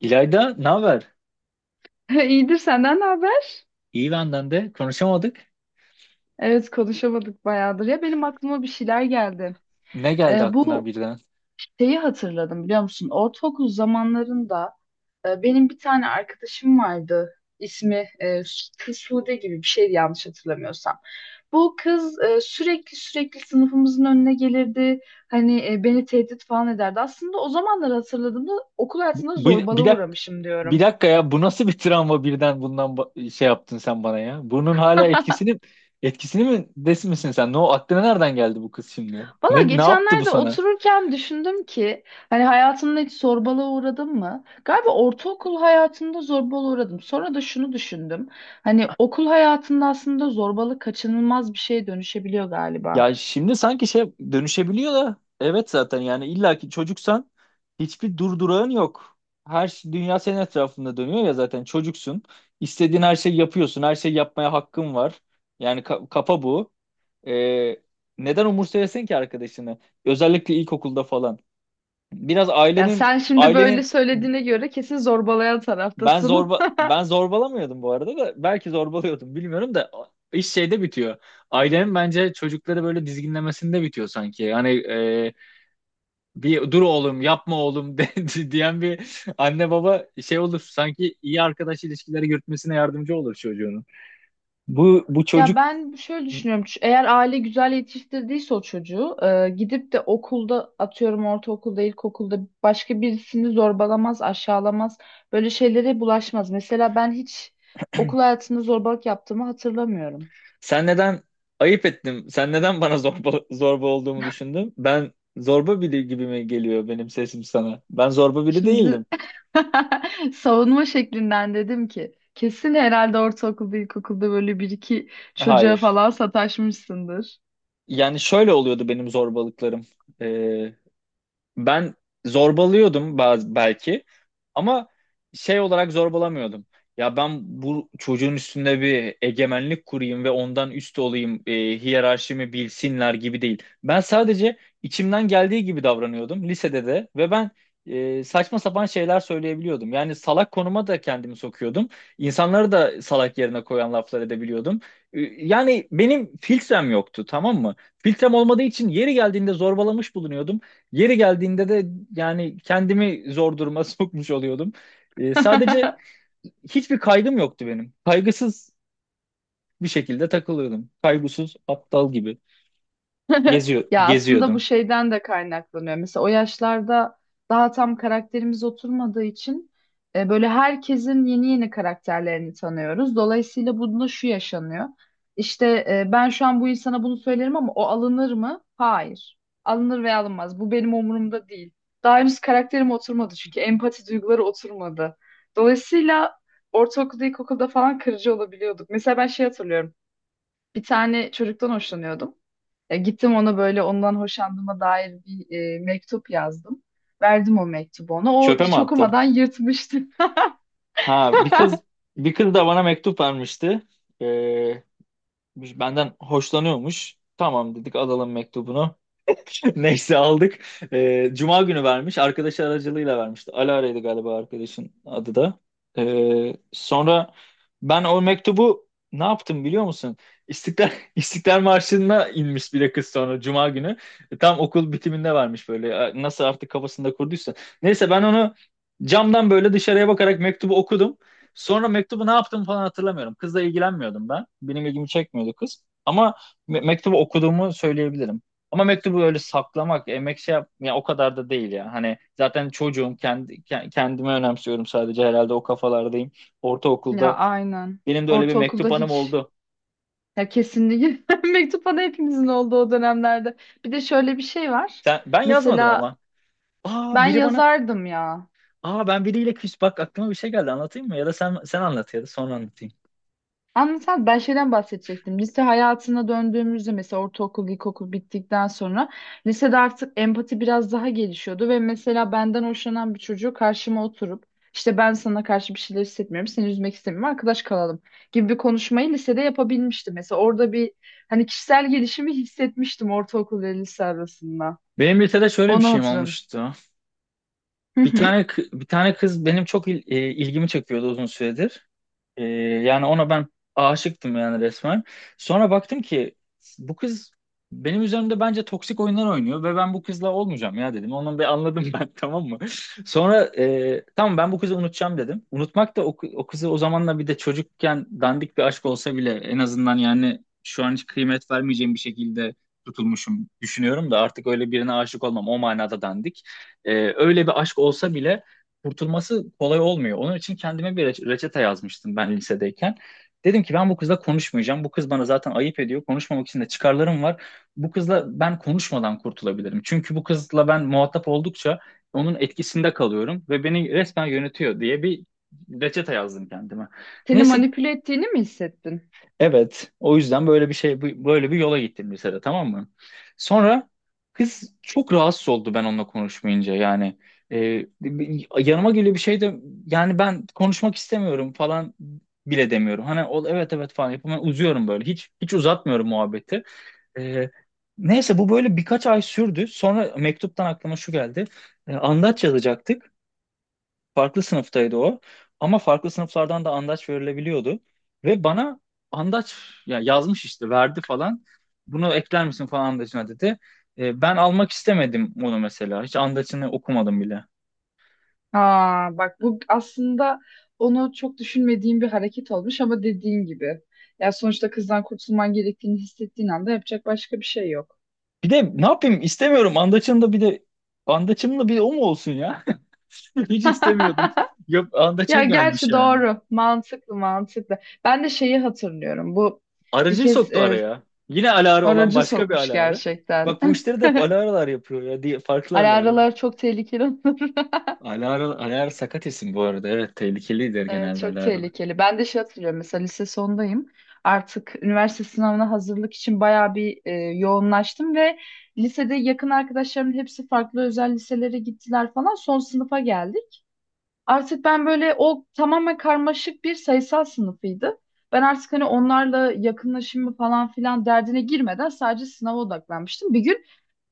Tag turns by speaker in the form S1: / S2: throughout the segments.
S1: İlayda ne haber?
S2: İyidir, senden ne haber?
S1: İyi benden de. Konuşamadık.
S2: Evet, konuşamadık bayağıdır. Ya benim aklıma bir şeyler geldi.
S1: Ne geldi aklına
S2: Bu
S1: birden?
S2: şeyi hatırladım, biliyor musun? Ortaokul zamanlarında benim bir tane arkadaşım vardı. İsmi Sude gibi bir şeydi, yanlış hatırlamıyorsam. Bu kız sürekli sürekli sınıfımızın önüne gelirdi. Hani beni tehdit falan ederdi. Aslında o zamanları hatırladığımda okul hayatında
S1: Bu,
S2: zorbalığa uğramışım
S1: bir
S2: diyorum.
S1: dakika ya, bu nasıl bir travma birden şey yaptın sen bana ya? Bunun hala etkisini mi desin misin sen? Ne o aklına nereden geldi bu kız şimdi?
S2: Valla
S1: Ne yaptı bu
S2: geçenlerde
S1: sana?
S2: otururken düşündüm ki hani hayatımda hiç zorbalığa uğradım mı? Galiba ortaokul hayatımda zorbalığa uğradım. Sonra da şunu düşündüm. Hani okul hayatında aslında zorbalık kaçınılmaz bir şeye dönüşebiliyor galiba.
S1: Ya şimdi sanki şey dönüşebiliyor da evet, zaten yani illaki çocuksan hiçbir durdurağın yok. Dünya senin etrafında dönüyor ya, zaten çocuksun. İstediğin her şeyi yapıyorsun. Her şeyi yapmaya hakkın var. Yani kafa bu. Ee, Neden umursayasın ki arkadaşını? Özellikle ilkokulda falan. Biraz
S2: Ya
S1: ailenin
S2: sen şimdi böyle
S1: ailenin
S2: söylediğine göre kesin zorbalayan taraftasın.
S1: ben zorbalamıyordum bu arada, da belki zorbalıyordum bilmiyorum da iş şeyde bitiyor. Ailenin bence çocukları böyle dizginlemesinde bitiyor sanki. Yani bir dur oğlum, yapma oğlum de, diyen bir anne baba şey olur. Sanki iyi arkadaş ilişkileri yürütmesine yardımcı olur çocuğunun. Bu
S2: Ya
S1: çocuk…
S2: ben şöyle düşünüyorum. Eğer aile güzel yetiştirdiyse o çocuğu, gidip de okulda, atıyorum, ortaokulda, ilkokulda başka birisini zorbalamaz, aşağılamaz. Böyle şeylere bulaşmaz. Mesela ben hiç okul hayatında zorbalık yaptığımı hatırlamıyorum.
S1: Sen neden ayıp ettim? Sen neden bana zorba olduğumu düşündün? Ben zorba biri gibi mi geliyor benim sesim sana? Ben zorba biri değildim.
S2: Şimdi savunma şeklinden dedim ki kesin herhalde ortaokulda, ilkokulda böyle bir iki çocuğa
S1: Hayır.
S2: falan sataşmışsındır.
S1: Yani şöyle oluyordu benim zorbalıklarım. Ee, Ben zorbalıyordum belki, ama şey olarak zorbalamıyordum. Ya ben bu çocuğun üstünde bir egemenlik kurayım ve ondan üst olayım, hiyerarşimi bilsinler gibi değil. Ben sadece içimden geldiği gibi davranıyordum lisede de, ve ben saçma sapan şeyler söyleyebiliyordum. Yani salak konuma da kendimi sokuyordum. İnsanları da salak yerine koyan laflar edebiliyordum. Yani benim filtrem yoktu, tamam mı? Filtrem olmadığı için yeri geldiğinde zorbalamış bulunuyordum. Yeri geldiğinde de yani kendimi zor duruma sokmuş oluyordum. Sadece hiçbir kaygım yoktu benim. Kaygısız bir şekilde takılıyordum. Kaygısız aptal gibi geziyor
S2: Ya aslında bu
S1: geziyordum.
S2: şeyden de kaynaklanıyor. Mesela o yaşlarda daha tam karakterimiz oturmadığı için böyle herkesin yeni yeni karakterlerini tanıyoruz. Dolayısıyla bunda şu yaşanıyor. İşte ben şu an bu insana bunu söylerim ama o alınır mı? Hayır. Alınır veya alınmaz. Bu benim umurumda değil. Daha henüz karakterim oturmadı çünkü empati duyguları oturmadı. Dolayısıyla ortaokulda, ilkokulda falan kırıcı olabiliyorduk. Mesela ben şey hatırlıyorum. Bir tane çocuktan hoşlanıyordum. Ya gittim ona böyle, ondan hoşlandığıma dair bir mektup yazdım. Verdim o mektubu ona. O
S1: Çöpe mi
S2: hiç
S1: attı?
S2: okumadan yırtmıştı.
S1: Ha, bir kız da bana mektup vermişti. Ee, Benden hoşlanıyormuş. Tamam dedik, alalım mektubunu. Neyse aldık. Cuma günü vermiş, arkadaşı aracılığıyla vermişti. Alara'ydı galiba arkadaşın adı da. Sonra ben o mektubu ne yaptım biliyor musun? İstiklal, İstiklal Marşı'na inmiş bir de kız, sonra Cuma günü. Tam okul bitiminde vermiş böyle. Nasıl artık kafasında kurduysa. Neyse, ben onu camdan böyle dışarıya bakarak mektubu okudum. Sonra mektubu ne yaptım falan hatırlamıyorum. Kızla ilgilenmiyordum ben. Benim ilgimi çekmiyordu kız. Ama mektubu okuduğumu söyleyebilirim. Ama mektubu öyle saklamak, emek şey yap, ya o kadar da değil ya. Hani zaten çocuğum, kendimi önemsiyorum sadece, herhalde o kafalardayım.
S2: Ya
S1: Ortaokulda
S2: aynen.
S1: benim de öyle bir
S2: Ortaokulda
S1: mektup anım
S2: hiç,
S1: oldu.
S2: ya kesinlikle mektup bana, hepimizin olduğu o dönemlerde. Bir de şöyle bir şey var.
S1: Ben yazmadım
S2: Mesela
S1: ama. Aa
S2: ben
S1: biri bana,
S2: yazardım ya.
S1: Ben biriyle küs, bak aklıma bir şey geldi, anlatayım mı? Ya da sen anlat, ya da sonra anlatayım.
S2: Anlatan ben şeyden bahsedecektim. Lise hayatına döndüğümüzde, mesela ortaokul, ilkokul bittikten sonra lisede artık empati biraz daha gelişiyordu ve mesela benden hoşlanan bir çocuğu karşıma oturup işte ben sana karşı bir şeyler hissetmiyorum, seni üzmek istemiyorum, arkadaş kalalım gibi bir konuşmayı lisede yapabilmiştim. Mesela orada bir hani kişisel gelişimi hissetmiştim ortaokul ve lise arasında.
S1: Benim lisede şöyle bir
S2: Onu
S1: şeyim
S2: hatırladım.
S1: olmuştu.
S2: Hı
S1: Bir
S2: hı.
S1: tane kı- bir tane kız benim çok ilgimi çekiyordu uzun süredir. Ee, Yani ona ben aşıktım, yani resmen. Sonra baktım ki bu kız benim üzerimde bence toksik oyunlar oynuyor ve ben bu kızla olmayacağım ya, dedim. Onu bir anladım ben, tamam mı? Sonra tamam, ben bu kızı unutacağım dedim. Unutmak da o kızı o zamanla, bir de çocukken dandik bir aşk olsa bile, en azından yani şu an hiç kıymet vermeyeceğim bir şekilde tutulmuşum düşünüyorum da artık öyle birine aşık olmam, o manada dandik. Öyle bir aşk olsa bile kurtulması kolay olmuyor. Onun için kendime bir reçete yazmıştım ben lisedeyken. Dedim ki ben bu kızla konuşmayacağım. Bu kız bana zaten ayıp ediyor. Konuşmamak için de çıkarlarım var. Bu kızla ben konuşmadan kurtulabilirim. Çünkü bu kızla ben muhatap oldukça onun etkisinde kalıyorum ve beni resmen yönetiyor, diye bir reçete yazdım kendime.
S2: Seni
S1: Neyse.
S2: manipüle ettiğini mi hissettin?
S1: Evet, o yüzden böyle bir şey böyle bir yola gittim lisede, tamam mı? Sonra kız çok rahatsız oldu ben onunla konuşmayınca. Yani yanıma geliyor bir şey de, yani ben konuşmak istemiyorum falan bile demiyorum. Hani o, evet evet falan yapıyorum. Ben uzuyorum böyle, hiç uzatmıyorum muhabbeti. E, Neyse, bu böyle birkaç ay sürdü. Sonra mektuptan aklıma şu geldi. Andaç yazacaktık. Farklı sınıftaydı o. Ama farklı sınıflardan da andaç verilebiliyordu. Ve bana andaç, ya, yazmış işte verdi falan. Bunu ekler misin falan andaçına, dedi. Ben almak istemedim onu mesela. Hiç andaçını okumadım bile.
S2: Aa, bak, bu aslında onu çok düşünmediğim bir hareket olmuş ama dediğin gibi. Ya sonuçta kızdan kurtulman gerektiğini hissettiğin anda yapacak başka bir şey yok.
S1: Bir de ne yapayım, istemiyorum andaçın da, bir de andaçım da bir de o mu olsun ya? Hiç istemiyordum. Yok, andaça
S2: Ya
S1: gelmiş
S2: gerçi
S1: yani.
S2: doğru. Mantıklı, mantıklı. Ben de şeyi hatırlıyorum. Bu bir
S1: Aracıyı
S2: kez
S1: soktu araya. Yine aları olan
S2: aracı
S1: başka bir
S2: sokmuş
S1: aları.
S2: gerçekten.
S1: Bak, bu işleri de hep alaralar yapıyor ya, diye farklı aları.
S2: Alaralar çok tehlikeli.
S1: Alara, Alara sakat isim bu arada. Evet, tehlikelidir
S2: Evet,
S1: genelde
S2: çok
S1: Alara.
S2: tehlikeli. Ben de şey hatırlıyorum, mesela lise sondayım. Artık üniversite sınavına hazırlık için bayağı bir yoğunlaştım ve lisede yakın arkadaşlarımın hepsi farklı özel liselere gittiler falan. Son sınıfa geldik. Artık ben böyle, o tamamen karmaşık bir sayısal sınıfıydı. Ben artık hani onlarla yakınlaşımı falan filan derdine girmeden sadece sınava odaklanmıştım. Bir gün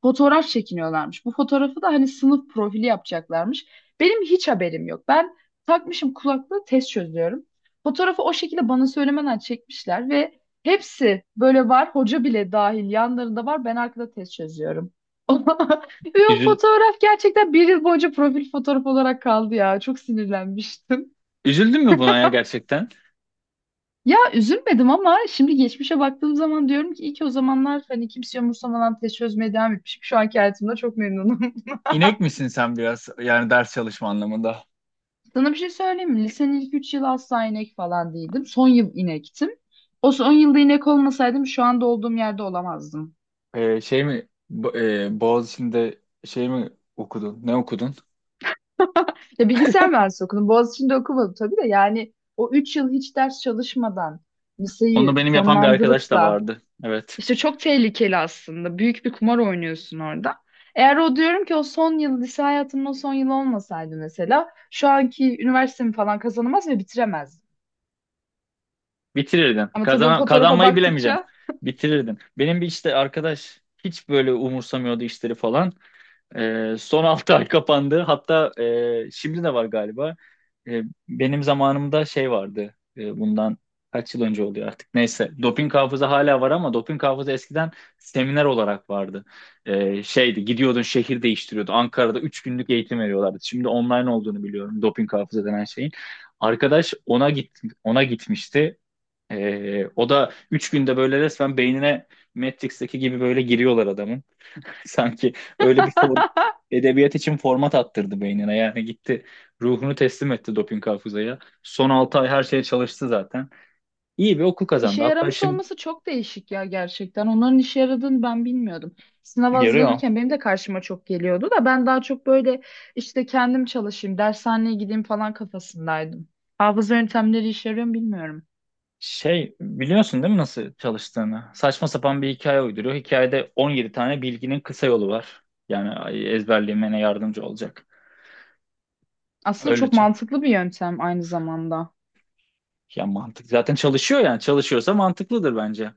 S2: fotoğraf çekiniyorlarmış. Bu fotoğrafı da hani sınıf profili yapacaklarmış. Benim hiç haberim yok. Ben takmışım kulaklığı, test çözüyorum. Fotoğrafı o şekilde bana söylemeden çekmişler ve hepsi böyle var. Hoca bile dahil yanlarında var. Ben arkada test çözüyorum. Ve o
S1: Üzül,
S2: fotoğraf gerçekten bir yıl boyunca profil fotoğraf olarak kaldı ya. Çok sinirlenmiştim.
S1: Üzüldün mü buna ya gerçekten?
S2: Ya üzülmedim ama şimdi geçmişe baktığım zaman diyorum ki iyi ki o zamanlar hani kimse umursamadan test çözmeye devam etmişim. Şu anki hayatımda çok memnunum.
S1: İnek misin sen biraz? Yani ders çalışma anlamında.
S2: Sana bir şey söyleyeyim mi? Lisenin ilk 3 yılı asla inek falan değildim. Son yıl inektim. O son yılda inek olmasaydım şu anda olduğum yerde olamazdım.
S1: Şey mi? Boğaziçi'nde şey mi okudun? Ne okudun?
S2: Ya bilgisayar mühendisliği okudum. Boğaziçi'nde okumadım tabii de, yani o 3 yıl hiç ders çalışmadan
S1: Onu
S2: liseyi
S1: benim yapan bir arkadaş
S2: sonlandırıp
S1: da
S2: da,
S1: vardı. Evet.
S2: İşte çok tehlikeli aslında. Büyük bir kumar oynuyorsun orada. Eğer o, diyorum ki, o son yıl, lise hayatımın o son yılı olmasaydı mesela şu anki üniversitemi falan kazanamaz ve bitiremezdim.
S1: Bitirirdin.
S2: Ama tabii o fotoğrafa
S1: Kazanmayı bilemeyeceğim.
S2: baktıkça
S1: Bitirirdin. Benim bir işte arkadaş hiç böyle umursamıyordu işleri falan. Son 6 ay kapandı. Hatta şimdi de var galiba. E, Benim zamanımda şey vardı. Bundan kaç yıl önce oluyor artık. Neyse. Doping hafıza hala var ama doping hafıza eskiden seminer olarak vardı. Şeydi, gidiyordun, şehir değiştiriyordu. Ankara'da 3 günlük eğitim veriyorlardı. Şimdi online olduğunu biliyorum doping hafıza denen şeyin. Arkadaş ona gitmişti. O da 3 günde böyle resmen beynine Matrix'teki gibi böyle giriyorlar adamın. Sanki öyle bir edebiyat için format attırdı beynine. Yani gitti, ruhunu teslim etti doping hafızaya. Son 6 ay her şeye çalıştı zaten. İyi bir okul
S2: işe
S1: kazandı. Hatta
S2: yaramış
S1: şimdi
S2: olması çok değişik ya gerçekten. Onların işe yaradığını ben bilmiyordum. Sınava
S1: yarıyor.
S2: hazırlanırken benim de karşıma çok geliyordu da ben daha çok böyle işte kendim çalışayım, dershaneye gideyim falan kafasındaydım. Hafıza yöntemleri işe yarıyor mu bilmiyorum.
S1: Şey, biliyorsun değil mi nasıl çalıştığını? Saçma sapan bir hikaye uyduruyor. Hikayede 17 tane bilginin kısa yolu var. Yani ezberlemene yardımcı olacak.
S2: Aslında çok
S1: Öylece.
S2: mantıklı bir yöntem aynı zamanda.
S1: Ya mantık. Zaten çalışıyor yani. Çalışıyorsa mantıklıdır bence.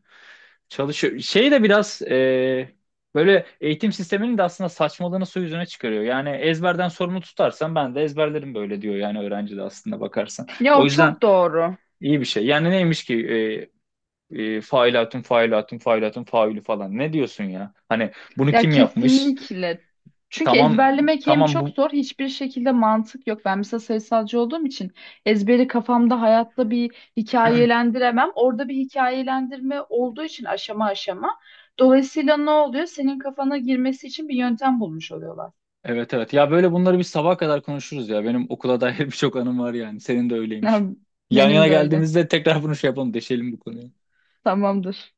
S1: Çalışıyor. Şey de biraz böyle eğitim sisteminin de aslında saçmalığını su yüzüne çıkarıyor. Yani ezberden sorumlu tutarsan ben de ezberlerim böyle diyor yani öğrenci de, aslında bakarsan.
S2: Ya
S1: O
S2: o
S1: yüzden
S2: çok doğru.
S1: iyi bir şey. Yani neymiş ki failatun failatun failatun faülü falan. Ne diyorsun ya? Hani bunu
S2: Ya
S1: kim yapmış?
S2: kesinlikle. Çünkü
S1: Tamam,
S2: ezberlemek hem
S1: tamam,
S2: çok
S1: bu…
S2: zor, hiçbir şekilde mantık yok. Ben mesela sayısalcı olduğum için ezberi kafamda hayatta bir hikayelendiremem. Orada bir hikayelendirme olduğu için aşama aşama. Dolayısıyla ne oluyor? Senin kafana girmesi için bir yöntem bulmuş oluyorlar.
S1: Evet, evet. Ya böyle bunları biz sabaha kadar konuşuruz ya. Benim okula dair birçok anım var yani. Senin de
S2: Ya,
S1: öyleymiş. Yan yana
S2: benim de öyle.
S1: geldiğimizde tekrar bunu şey yapalım, deşelim bu konuyu.
S2: Tamamdır.